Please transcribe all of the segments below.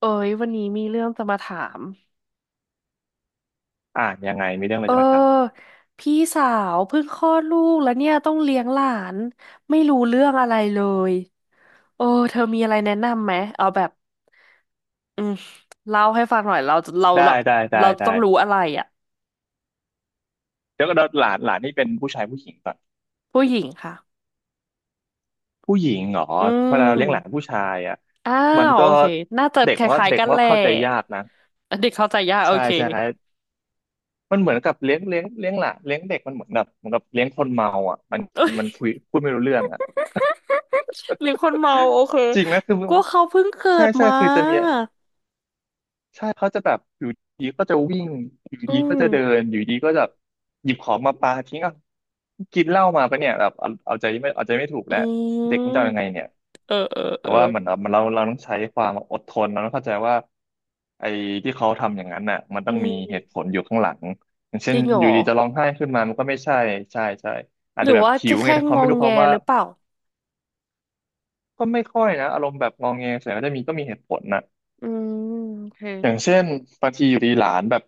เอ้ยวันนี้มีเรื่องจะมาถามอ่านยังไงมีเรื่องอะไรเอจะมาถามอพี่สาวเพิ่งคลอดลูกแล้วเนี่ยต้องเลี้ยงหลานไม่รู้เรื่องอะไรเลยเออเธอมีอะไรแนะนำไหมเอาแบบอืมเล่าให้ฟังหน่อยเราแบได้บได้ได้เราต้อได้งรู้อะไรอ่ะเดี๋ยวหลานหลานนี่เป็นผู้ชายผู้หญิงก่อนผู้หญิงค่ะผู้หญิงเหรออืเวลาเรามเลี้ยงหลานผู้ชายอ่ะอ้ามันวก็โอเคน่าจะเด็คกว่าล้ายเด็ๆกกันว่าแหละเข้าใจยากนะอันเด็กเข้าใจยากโอใช่เค ใช่ครั บมันเหมือนกับเลี้ยงหลานเลี้ยงเด็กมันเหมือนแบบเหมือนกับเลี้ยงคนเมาอ่ะมันเอ้มันยคุยพูดไม่รู้เรื่องอ่ะ หรือคนเมาโอเค จริงนะคือก็เขาเพิ่งเกิใช่ดใช่มาคือจะมี ใช่เขาจะแบบอยู่ดีก็จะวิ่งอยู่อืดีก็จะเดิมนอยู่ดีก็จะหยิบของมาปาทิ้งอ่ะกินเหล้ามาปะเนี่ยแบบเอาเอาใจไม่เอาใจไม่ถูกอืแล้วมเด็กมันจะเอายังไงเนี่ยเออเออแต่เออ ว่าเหมือนเราต้องใช้ความอดทนเราต้องเข้าใจว่าไอ้ที่เขาทำอย่างนั้นน่ะมันต้อืองมีเหตุผมลอยู่ข้างหลังอย่างเช่จนริงเหรอยู่อดีจะร้องไห้ขึ้นมามันก็ไม่ใช่ใช่ใช่อาหจรืจะอแบบว่าหิจะวไงแค่แต่เขางอไม่งรู้แงเขาว่าหรือเปล่าก็ไม่ค่อยนะอารมณ์แบบงอแงส่วนใหญ่ก็จะมีก็มีเหตุผลนะอืมโอเคอย่างเช่นบางทีอยู่ดีหลานแบบ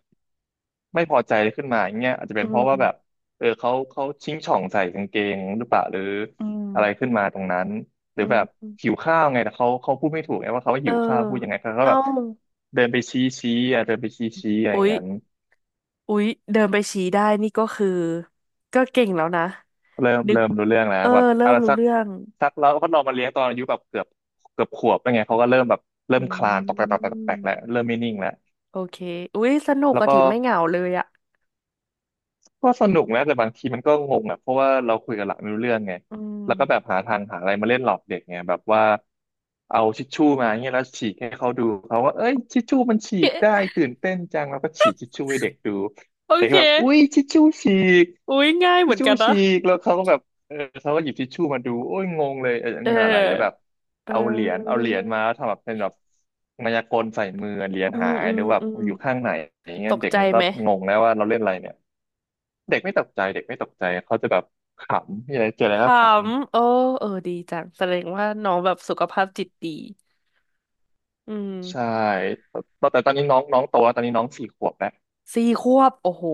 ไม่พอใจขึ้นมาอย่างเงี้ยอาจจะอืเป็นเพราะว่าแบบมเออเขาชิงช่องใส่กางเกงหรือเปล่าหรืออืมอะไรขึ้นมาตรงนั้นหรือือแบบหิวมข้าวไงแต่เขาพูดไม่ถูกไงว่าเขาเอหิอวข้าวพูดยังไงเขาก็เอ้าแบบเดินไปชี้ชี้อ่ะเดินไปชี้ชี้อะไรออุ๊ย่างยนั้นอุ๊ยเดินไปชี้ได้นี่ก็คือก็เก่งแล้วนะเริ่มนึกเริ่มรู้เรื่องแล้เอวอแบบเริ่อะมไรรู้สักเรื่องสักแล้วก็ลองมาเลี้ยงตอนอายุแบบเกือบขวบแล้วไงเขาก็เริ่มแบบเริ่อืมคลานตอกแตกตอกแตกตอกแตกแล้วมเริ่มไม่นิ่งแล้วโอเคอุ๊ยสนุกแล้วอะก็ ถิไม่เหงาเลยอะก็สนุกนะแต่บางทีมันก็งงอ่ะเพราะว่าเราคุยกับหลักไม่รู้เรื่องไงอืม แล้วก็แบบหาทางหาอะไรมาเล่นหลอกเด็กไงแบบว่าเอาทิชชู่มาเงี้ยแล้วฉีกให้เขาดูเขาว่าเอ้ยชิชชู่มันฉีกได้ ตื่นเต้นจังแล้วก็ฉีกชิชชู่ให้เด็กดูโอเด็กเคก็แบบอุ้ยชิชชู่ฉีกอุ๊ยง่ายเหชิมืชอนชู่กันนะฉีกแล้วเขาก็แบบเออเขาก็หยิบชิชชู่มาดูโอ้ยงงเลยเอออัเนนี้มันอะไรหรือแบบออเอเอาเหรียญเอาอเหรียญมาแล้วทำแบบเป็นแบบมายากลใส่มือเหรียญอืหามยอืหมรือแบบอืมอยู่ข้างไหนอย่างเงี้ตยกเด็กใจมันก็ไหม งงแล้วว่าเราเล่นอะไรเนี่ย เด็กไม่ตกใจเด็กไม่ตกใจเขาจะแบบขำมีอะไรเจออะขไรก็ขำำโอ้เออดีจังแสดงว่าน้องแบบสุขภาพจิตดีอืมใช่ตอนนี้น้องน้องโตแล้วตอนนี้น้องสี่ขวบแล้วสี่ขวบโอ้โห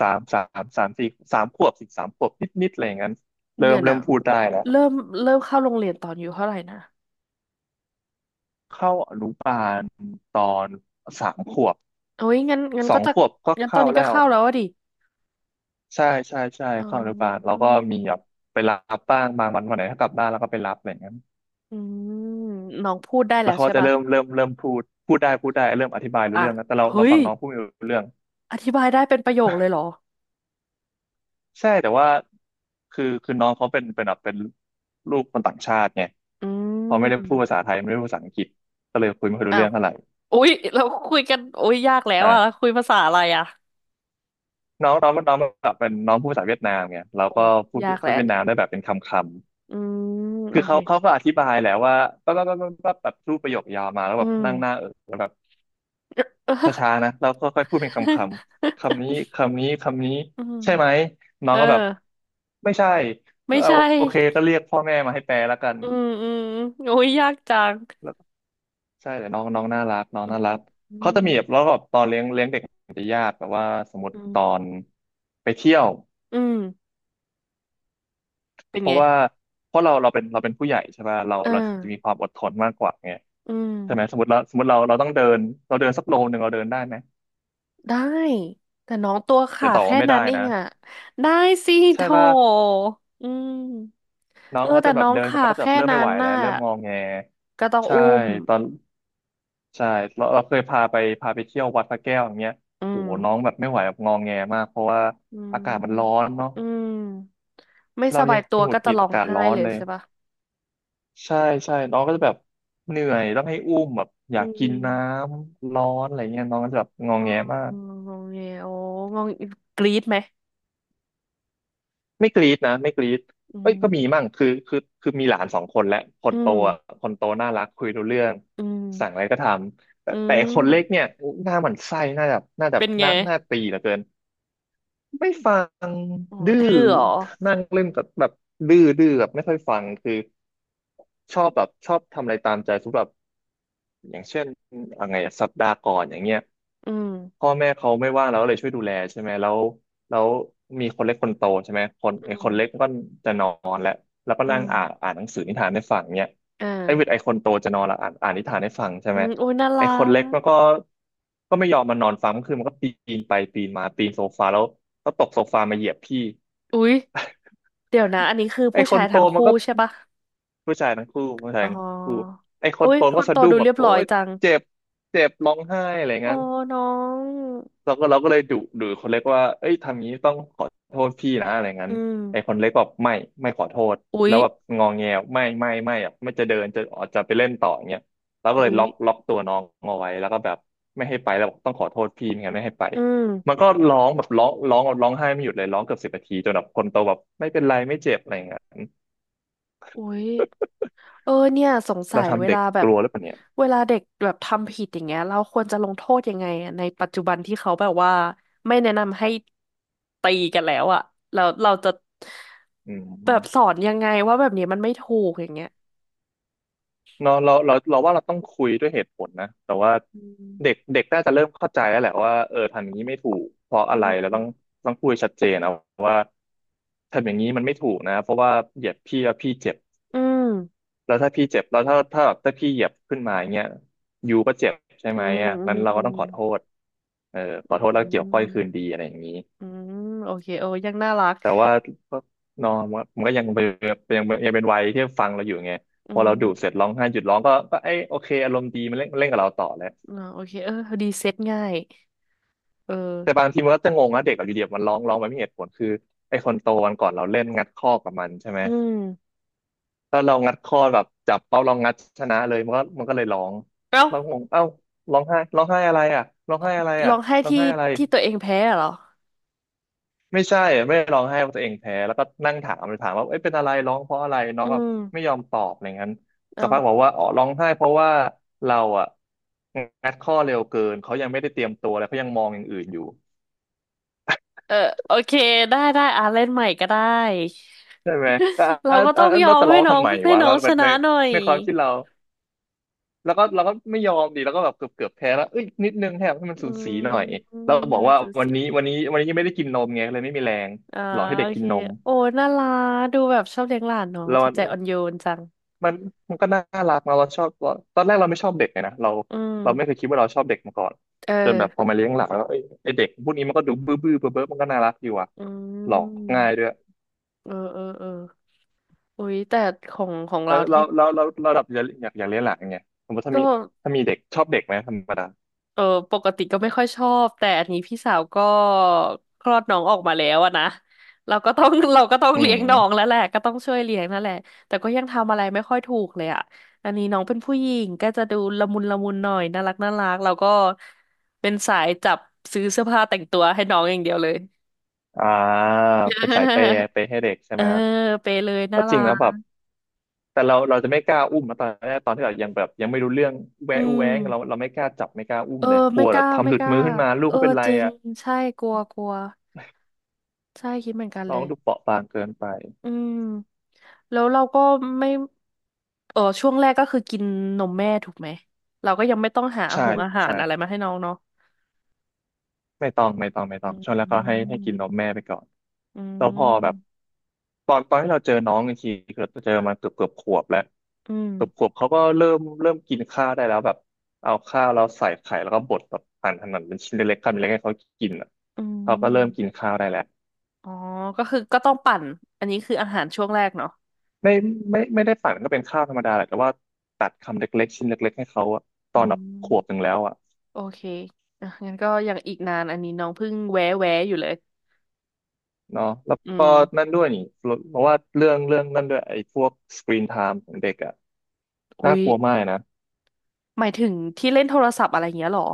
สามสามสามสี่สามขวบสี่สามขวบนิดนิดอะไรอย่างนั้นเริ่เนี่มยเริ่นะมพูดได้แล้วเริ่มเริ่มเข้าโรงเรียนตอนอายู่เท่าไหร่นะเข้าอนุบาลตอนสามขวบโอ้ยงั้นสก็องจะขวบก็งั้นตอนเข้านี้ก็แล้วเข้าแล้วอะดิใช่ใช่ใช่อ๋อเข้าอนุบาลแล้อืวก็มมีแบบไปรับบ้างบางวันวันไหนถ้ากลับบ้านแล้วก็ไปรับอะไรอย่างนั้นอืมน้องพูดได้แล้แล้ววเขาใช่ก็จะปะเริ่มพูดได้เริ่มอธิบายรู้อ่ะเรื่องแล้วแต่เราเฮ้เรายฟังน้องพูดไม่รู้เรื่อง อธิบายได้เป็นประโยคเลยเหรอใช่แต่ว่าคือน้องเขาเป็นลูกคนต่างชาติไงอืเขาไม่ได้พูดภาษามไทยไม่ได้พูดภาษาอังกฤษก็เลยคุยไม่ค่อยรู้อ้าเรื่วองเท่าไหร่อุ้ยเราคุยกันโอ้ยยากแล้วใช่อะคุยภาษาอะไรอะน้องน้องน้องแบบเป็นน้องพูดภาษาเวียดนามไงเราโอ้ก็พูดยากพูแล้ดวเวียดนามได้แบบเป็นคำคอืำมคืโออเคเขาก็อธิบายแหละว่าปั๊บปั๊บปั๊บปั๊บปั๊บแบบพูดประโยคยาวมาแล้วแบอืบม นั่งหน้าเออแล้วแบบ เออช้าๆนะเราก็ค่อยพูดเป็นคำคำนี้คำนี้อืมใช่ไหมน้อเองอก็แบบไม่ใช่ไม่เอาใช่โอเคก็เรียกพ่อแม่มาให้แปลแล้วกัน อืมอืมโอ้ยยากจังใช่แต่น้องน้องน่ารักน้องน่ารักอืเขาจะมมีแบบแล้วก็ตอนเลี้ยงเด็กจะยากแบบว่าสมมอืติมอืตอมนไปเที่ยวอืมเป็นเพไงราะว่าเพราะเราเราเป็นเราเป็นผู้ใหญ่ใช่ป่ะเราเอเราจะมีอความอดทนมากกว่าไงอืมใช่ไหมสมมติเราสมมติเราเราต้องเดินเราเดินสักโลนึงเราเดินได้ไหมได้แต่น้องตัวจะขาต่อแค่ว่าไม่ได้นั้นเองนะอะได้สิโถใช่ป่ะอืมน้อเองอเขาแต่จะแบน้บองเดินสักขาพักก็จะแบแค่บเริ่มนั้ไม่ไหวนแล้น่ะวเริ่มงอแงก็ต้องใช่อุ้มตอนใช่เราเคยพาไปเที่ยววัดพระแก้วอย่างเงี้ยอืโอ้มโหน้องแบบไม่ไหวแบบงอแงมากเพราะว่าอือากาศมันร้อมนเนาะ อืมไม่สเราบายัยงตัวหงุก็ดหจะงิดร้ออางกาศไห้ร้อนเลยเลยใช่ปะใช่ใช่น้องก็จะแบบเหนื่อยต้องให้อุ้มแบบออืยากกินน้ม ำร้อนอะไรเงี้ยน้องก็จะแบบงออ๋อแงมากงงเงโอ้งงกรี๊ดไหมไม่กรี๊ดนะไม่กรี๊ดอืเอ้ยมก็มีมั่งคือมีหลานสองคนและคอืนโตมอ่ะคนโตน่ารักคุยรู้เรื่องอืสั่งอะไรมก็ทำแต่อืแต่มคนเล็กเนี่ยหน้าหมันไส้หน้าแบบหน้าแบบเป็นหไงน้าหน้าตีเหลือเกินไม่ฟังอ๋อดื้อดื้อเหรอนั่งเล่นกับแบบดื้อแบบไม่ค่อยฟังคือชอบแบบชอบทำอะไรตามใจสมมติแบบ อย่างเช่นอะไรอะสัปดาห์ก่อนอย่างเงี้ยอืมพ่อแม่เขาไม่ว่างเราก็เลยช่วยดูแลใช่ไหมแล้วแล้วมีคนเล็กคนโตใช่ไหมคนอืไอ้คนเล็กมก็จะนอนแล้วก็อืนั่งมอ่านหนังสือนิทานให้ฟังเนี่ยอไอ้เวท่าไอ้คนโตจะนอนแล้วอ่านนิทานให้ฟังใช่อืไหมมอุ้ยน่าไอ้รัคนเล็กมันกก็ไม่ยอมมานอนฟังก็คือมันก็ปีนไปปีนมาปีนโซฟาแล้วก็ตกโซฟามาเหยียบพี่อุ้ยเดี๋ยวนะอันนี้คือไอ้ผู้คชานยโตทั้งมันคู่ก็ใช่ปะผู้ชายทั้งคู่ผู้ชาอ๋ยทั้งคู่อไอ้คนอุ้ยโตมัคนก็นสะโตดุ้งดูแบเรีบยบโอ๊ร้อยยจังเจ็บเจ็บร้องไห้อะไรอ๋องั้น น้องเราก็เลยดุคนเล็กว่าเอ้ยทำงี้ต้องขอโทษพี่นะอะไรงั้อืนไอ้คมนเล็กบอกไม่ขอโทษอุ้แล้ยวแบบงอแงไม่อ่ะไม่จะเดินจะออกจะไปเล่นต่ออย่างเงี้ยเราก็เลอุ้ยยล็อกตัวน้องเอาไว้แล้วก็แบบไม่ให้ไปแล้วบอกต้องขอโทษพี่ไม่งั้นไม่ให้ไปอืมมันก็ร้องแบบร้องไห้ไม่หยุดเลยร้องเกือบสิบนาทีจนแบบคนโตแบบไม่เป็นไรไม่เจ็บอะไรอย่างเงี้ยอุ้ย เออเนี่ยสงสัเรายเวทำเด็ลากแบกบลัวหรือเปล่าเนี่ยเวลาเด็กแบบทำผิดอย่างเงี้ยเราควรจะลงโทษยังไงอะในปัจจุบันที่เขาแบบว่าไม่แนะนำให้ตีกันแล้วอะแล้วเราจะอืแบบสอม นยังไงว่าแบบนี้มันไม่ถูกอย่างเงี้ยเนาะเราว่าเราต้องคุยด้วยเหตุผลนะแต่ว่าอืเด็กมเด็กน่าจะเริ่มเข้าใจแล้วแหละว่าเออทำอย่างนี้ไม่ถูกเพราะอือะไรเราต้องมพูดชัดเจนเอาทำอย่างนี้มันไม่ถูกนะเพราะว่าเหยียบพี่แล้วพี่เจ็บอืมแล้วถ้าพี่เจ็บแล้วถ้าแบบถ้าพี่เหยียบขึ้นมาอย่างเงี้ยยูก็เจ็บใช่อืไหมมอ่ะงั้นเราอืก็ต้มองขอโทษเออขอือมโทษอืแล้วเกี่ยวก้อมยคืนดีอะไรอย่างนี้อืมโอเคเอ้ยังน่ารักแต่ว่าก็เนอะมันก็ยังเป็นยังเป็นวัยที่ฟังเราอยู่ไงอืพอเราดูเสร็มจร้องไห้หยุดร้องก็เอ้ยโอเคอารมณ์ดีมันเล่นเล่นกับเราต่อแล้ว อ่าโอเคเออดีเซ็ตง่ายเออแต่บางทีมันก็จะงงว่าเด็กอะอยู่เดียบมันร้องไปไม่มีเหตุผลคือไอ้คนโตวันก่อนเราเล่นงัดข้อกับมันใช่ไหมอืมแล้วเรางัดข้อแบบจับเป้าลองงัดชนะเลยมันก็เลยร้องเอ้าเร้องงงเอ้าร้องไห้ร้องไห้อะไรอ่ะร้องไห้อะไรร้อ่ะองไห้ร้องที่ไห้อะไรที่ตัวเองแพ้เหรอไม่ใช่อะไม่ได้ร้องไห้ว่าตัวเองแพ้แล้วก็นั่งถามเลยถามว่าเอ้ยเป็นอะไรร้องเพราะอะไรน้ออืงแบบม ไม่ยอมตอบอะไรงั้นสักเอาพักบอกว่าอ๋อร้องไห้เพราะว่าเราอ่ะงัดข้อเร็วเกินเขายังไม่ได้เตรียมตัวอะไรเขายังมองอย่างอื่นอยู่ เออโอเคได้ได้อ่ะเล่นใหม่ก็ได้ใช่ไหมแต่เราอ่ะก็ต้อ่ะองยอเรามจะร้ให้องน้อทำงไมให้วะน้อแล้งวชแบบนะในหน่อยความคิดเราแล้วก็เราก็ไม่ยอมดีแล้วก็แบบเกือบแพ้แล้วเอ้ยนิดนึงแทบให้มันอืสูสีมหน่อยหนึเรา่งสบอกว่าองสี่วันนี้ยังไม่ได้กินนมไงเลยไม่มีแรงอ่าหลอกให้เด็โอกกิเคนนมโอ้น่ารักดูแบบชอบเลี้ยงหลานเนาะแล้วจิตใจอ่อนโยนจังมันมันก็น่ารักนะเราชอบเราตอนแรกเราไม่ชอบเด็กเลยนะเราอืเราไม่เคยมคิดว่าเราชอบเด็กมาก่อนเออจนแบบพอมาเลี้ยงหลักแล้วเอ้ยไอเด็กพวกนี้มันก็ดูบื้อเบ้อมันก็น่ารักอยู่อ่ะอืหลอกง่ายมด้วย เออเออเอออุ้ยแต่ของแล้เราวเราที่เราเราเราดับอยากเลี้ยงหลานไงสมมติถ้าก็ มีเด็กชอบเด็กไหมธรรมดาเออปกติก็ไม่ค่อยชอบแต่อันนี้พี่สาวก็คลอดน้องออกมาแล้วอะนะเราก็ต้อง เราก็ต้องอืเลี้ยงน้องแล้มวแหละก็ต้องช่วยเลี้ยงนั่นแหละแต่ก็ยังทำอะไรไม่ค่อยถูกเลยอะอันนี้น้องเป็นผู้หญิงก็จะดูละมุนละมุนหน่อยน่ารักน่ารักเราก็เป็นสายจับซื้อเสื้อผ้าแต่งตัวให้น้องอย่างเดียวเลย อ่าเป็นสายเปย์ ให้เด็กใช่เอไหอมไปเลยน่าก็จรัริงแล้วแบบกแต่เราจะไม่กล้าอุ้มนะตอนแรกตอนที่เรายังแบบยังไม่รู้เรื่องอืแวะอู้แวมงเราไม่กล้าจับไม่กล้าอุ้เอมอเลยกไม่ลัวกแบล้าบทำไม่หลุกดล้ามือขึ้นมาลูกเออเขาเป็นไรจริงอ่ะใช่กลัวกลัวใช่คิดเหมือนกันน้เลองย ดูเปราะบางเกินไปอืมแล้วเราก็ไม่เออช่วงแรกก็คือกินนมแม่ถูกไหมเราก็ยังไม่ต้องหาใช่หงอาหารใช่ อะไรมาให้น้องเนาะไม่ต้องไม่ต้องไม่ต้ออืงช่วงแรกก็ให้มกินนมแม่ไปก่อนอืแล้วพอแบบมตอนที่เราเจอน้องอีกทีคือเราเจอมาเกือบขวบแล้วอืเกือบขวมบเขาก็เริ่มกินข้าวได้แล้วแบบเอาข้าวเราใส่ไข่แล้วก็บดแบบหั่นเป็นชิ้นเล็กๆคำเล็กๆให้เขากินอ่ะอืเขาก็เริ่มกินมข้าวได้แล้วอ๋อก็คือก็ต้องปั่นอันนี้คืออาหารช่วงแรกเนาะไม่ไม่ไม่ได้ปั่นก็เป็นข้าวธรรมดาแหละแต่ว่าตัดคำเล็กๆ ชิ้นเล็กๆ ให้เขาอะตอือนแบบมขวบหนึ่งแล้วอ่ะโอเคอ่ะงั้นก็ยังอีกนานอันนี้น้องเพิ่งแวะแวะอยู่เลยเนาะแล้วอืก็มนั่นด้วยนี่เพราะว่าเรื่องนั่นด้วยไอ้พวกสกรีนไทม์ของเด็กอะ อุ๊น่ายกลัวมากนะหมายถึงที่เล่นโทรศัพท์อะไรอย่างเงี้ยเหรอ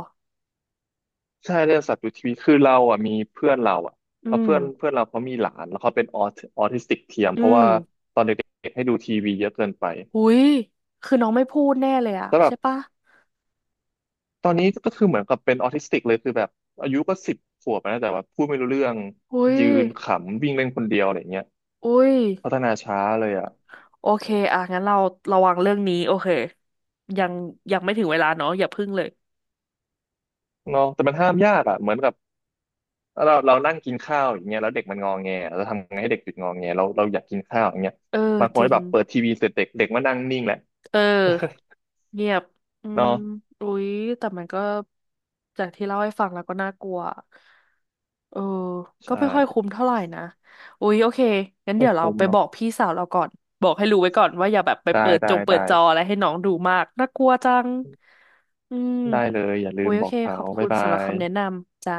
ใช่เรื่องสัตว์อยู่ทีวีคือเราอ่ะมีเพื่อนเราอ่ะอืแล้วมเพื่อนเพื่อนเราเขามีหลานแล้วเขาเป็นออทิสติกเทียมอืเพราะมว่าเด็กให้ดูทีวีเยอะเกินไปอุ๊ยคือน้องไม่พูดแน่เลยอะแต่แบใช่บปะ ตอนนี้ก็คือเหมือนกับเป็นออทิสติกเลยคือแบบอายุก็สิบขวบแล้วนะแต่ว่าพูดไม่รู้เรื่องอุ้ยยืนขำวิ่งเล่นคนเดียวอะไรเงี้ยอุ้ยพัฒนาช้าเลยอ่ะโอเคอ่ะงั้นเราระวังเรื่องนี้ โอเค ยังยังไม่ถึงเวลาเนาะอย่าพึ่งเลย เนาะแต่มันห้ามยากอ่ะเหมือนกับเรานั่งกินข้าวอย่างเงี้ยแล้วเด็กมันงอแงเราทำไงให้เด็กหยุดงอแงเราอยากกินข้าวอย่างเงี้ยเออ บางคจนริง แบบเปิดทีวีเสร็จเด็กเด็กมานั่งนิ่งแหละ เออเงียบอื มเนาะ อุ๊ยแต่มันก็จากที่เล่าให้ฟังแล้วก็น่ากลัวเออก็ใช่ไม่ค่อยคุ้มเท่าไหร่นะอุ๊ยโอเคงั้นไม่เดี๋ยวเราคุ้มไปบเนาะอกพี่สาวเราก่อนบอกให้รู้ไว้ก่อนว่าอย่าแบบไปได้เปิดได้จงเปิได้ดจออะไรให้น้องดูมากน่ากลัวจังอืมได้เลยอย่าลือุ๊มยโอบอเคกเขาขอบคุบ๊ายณบาสำหรับยคำแนะนำจ้า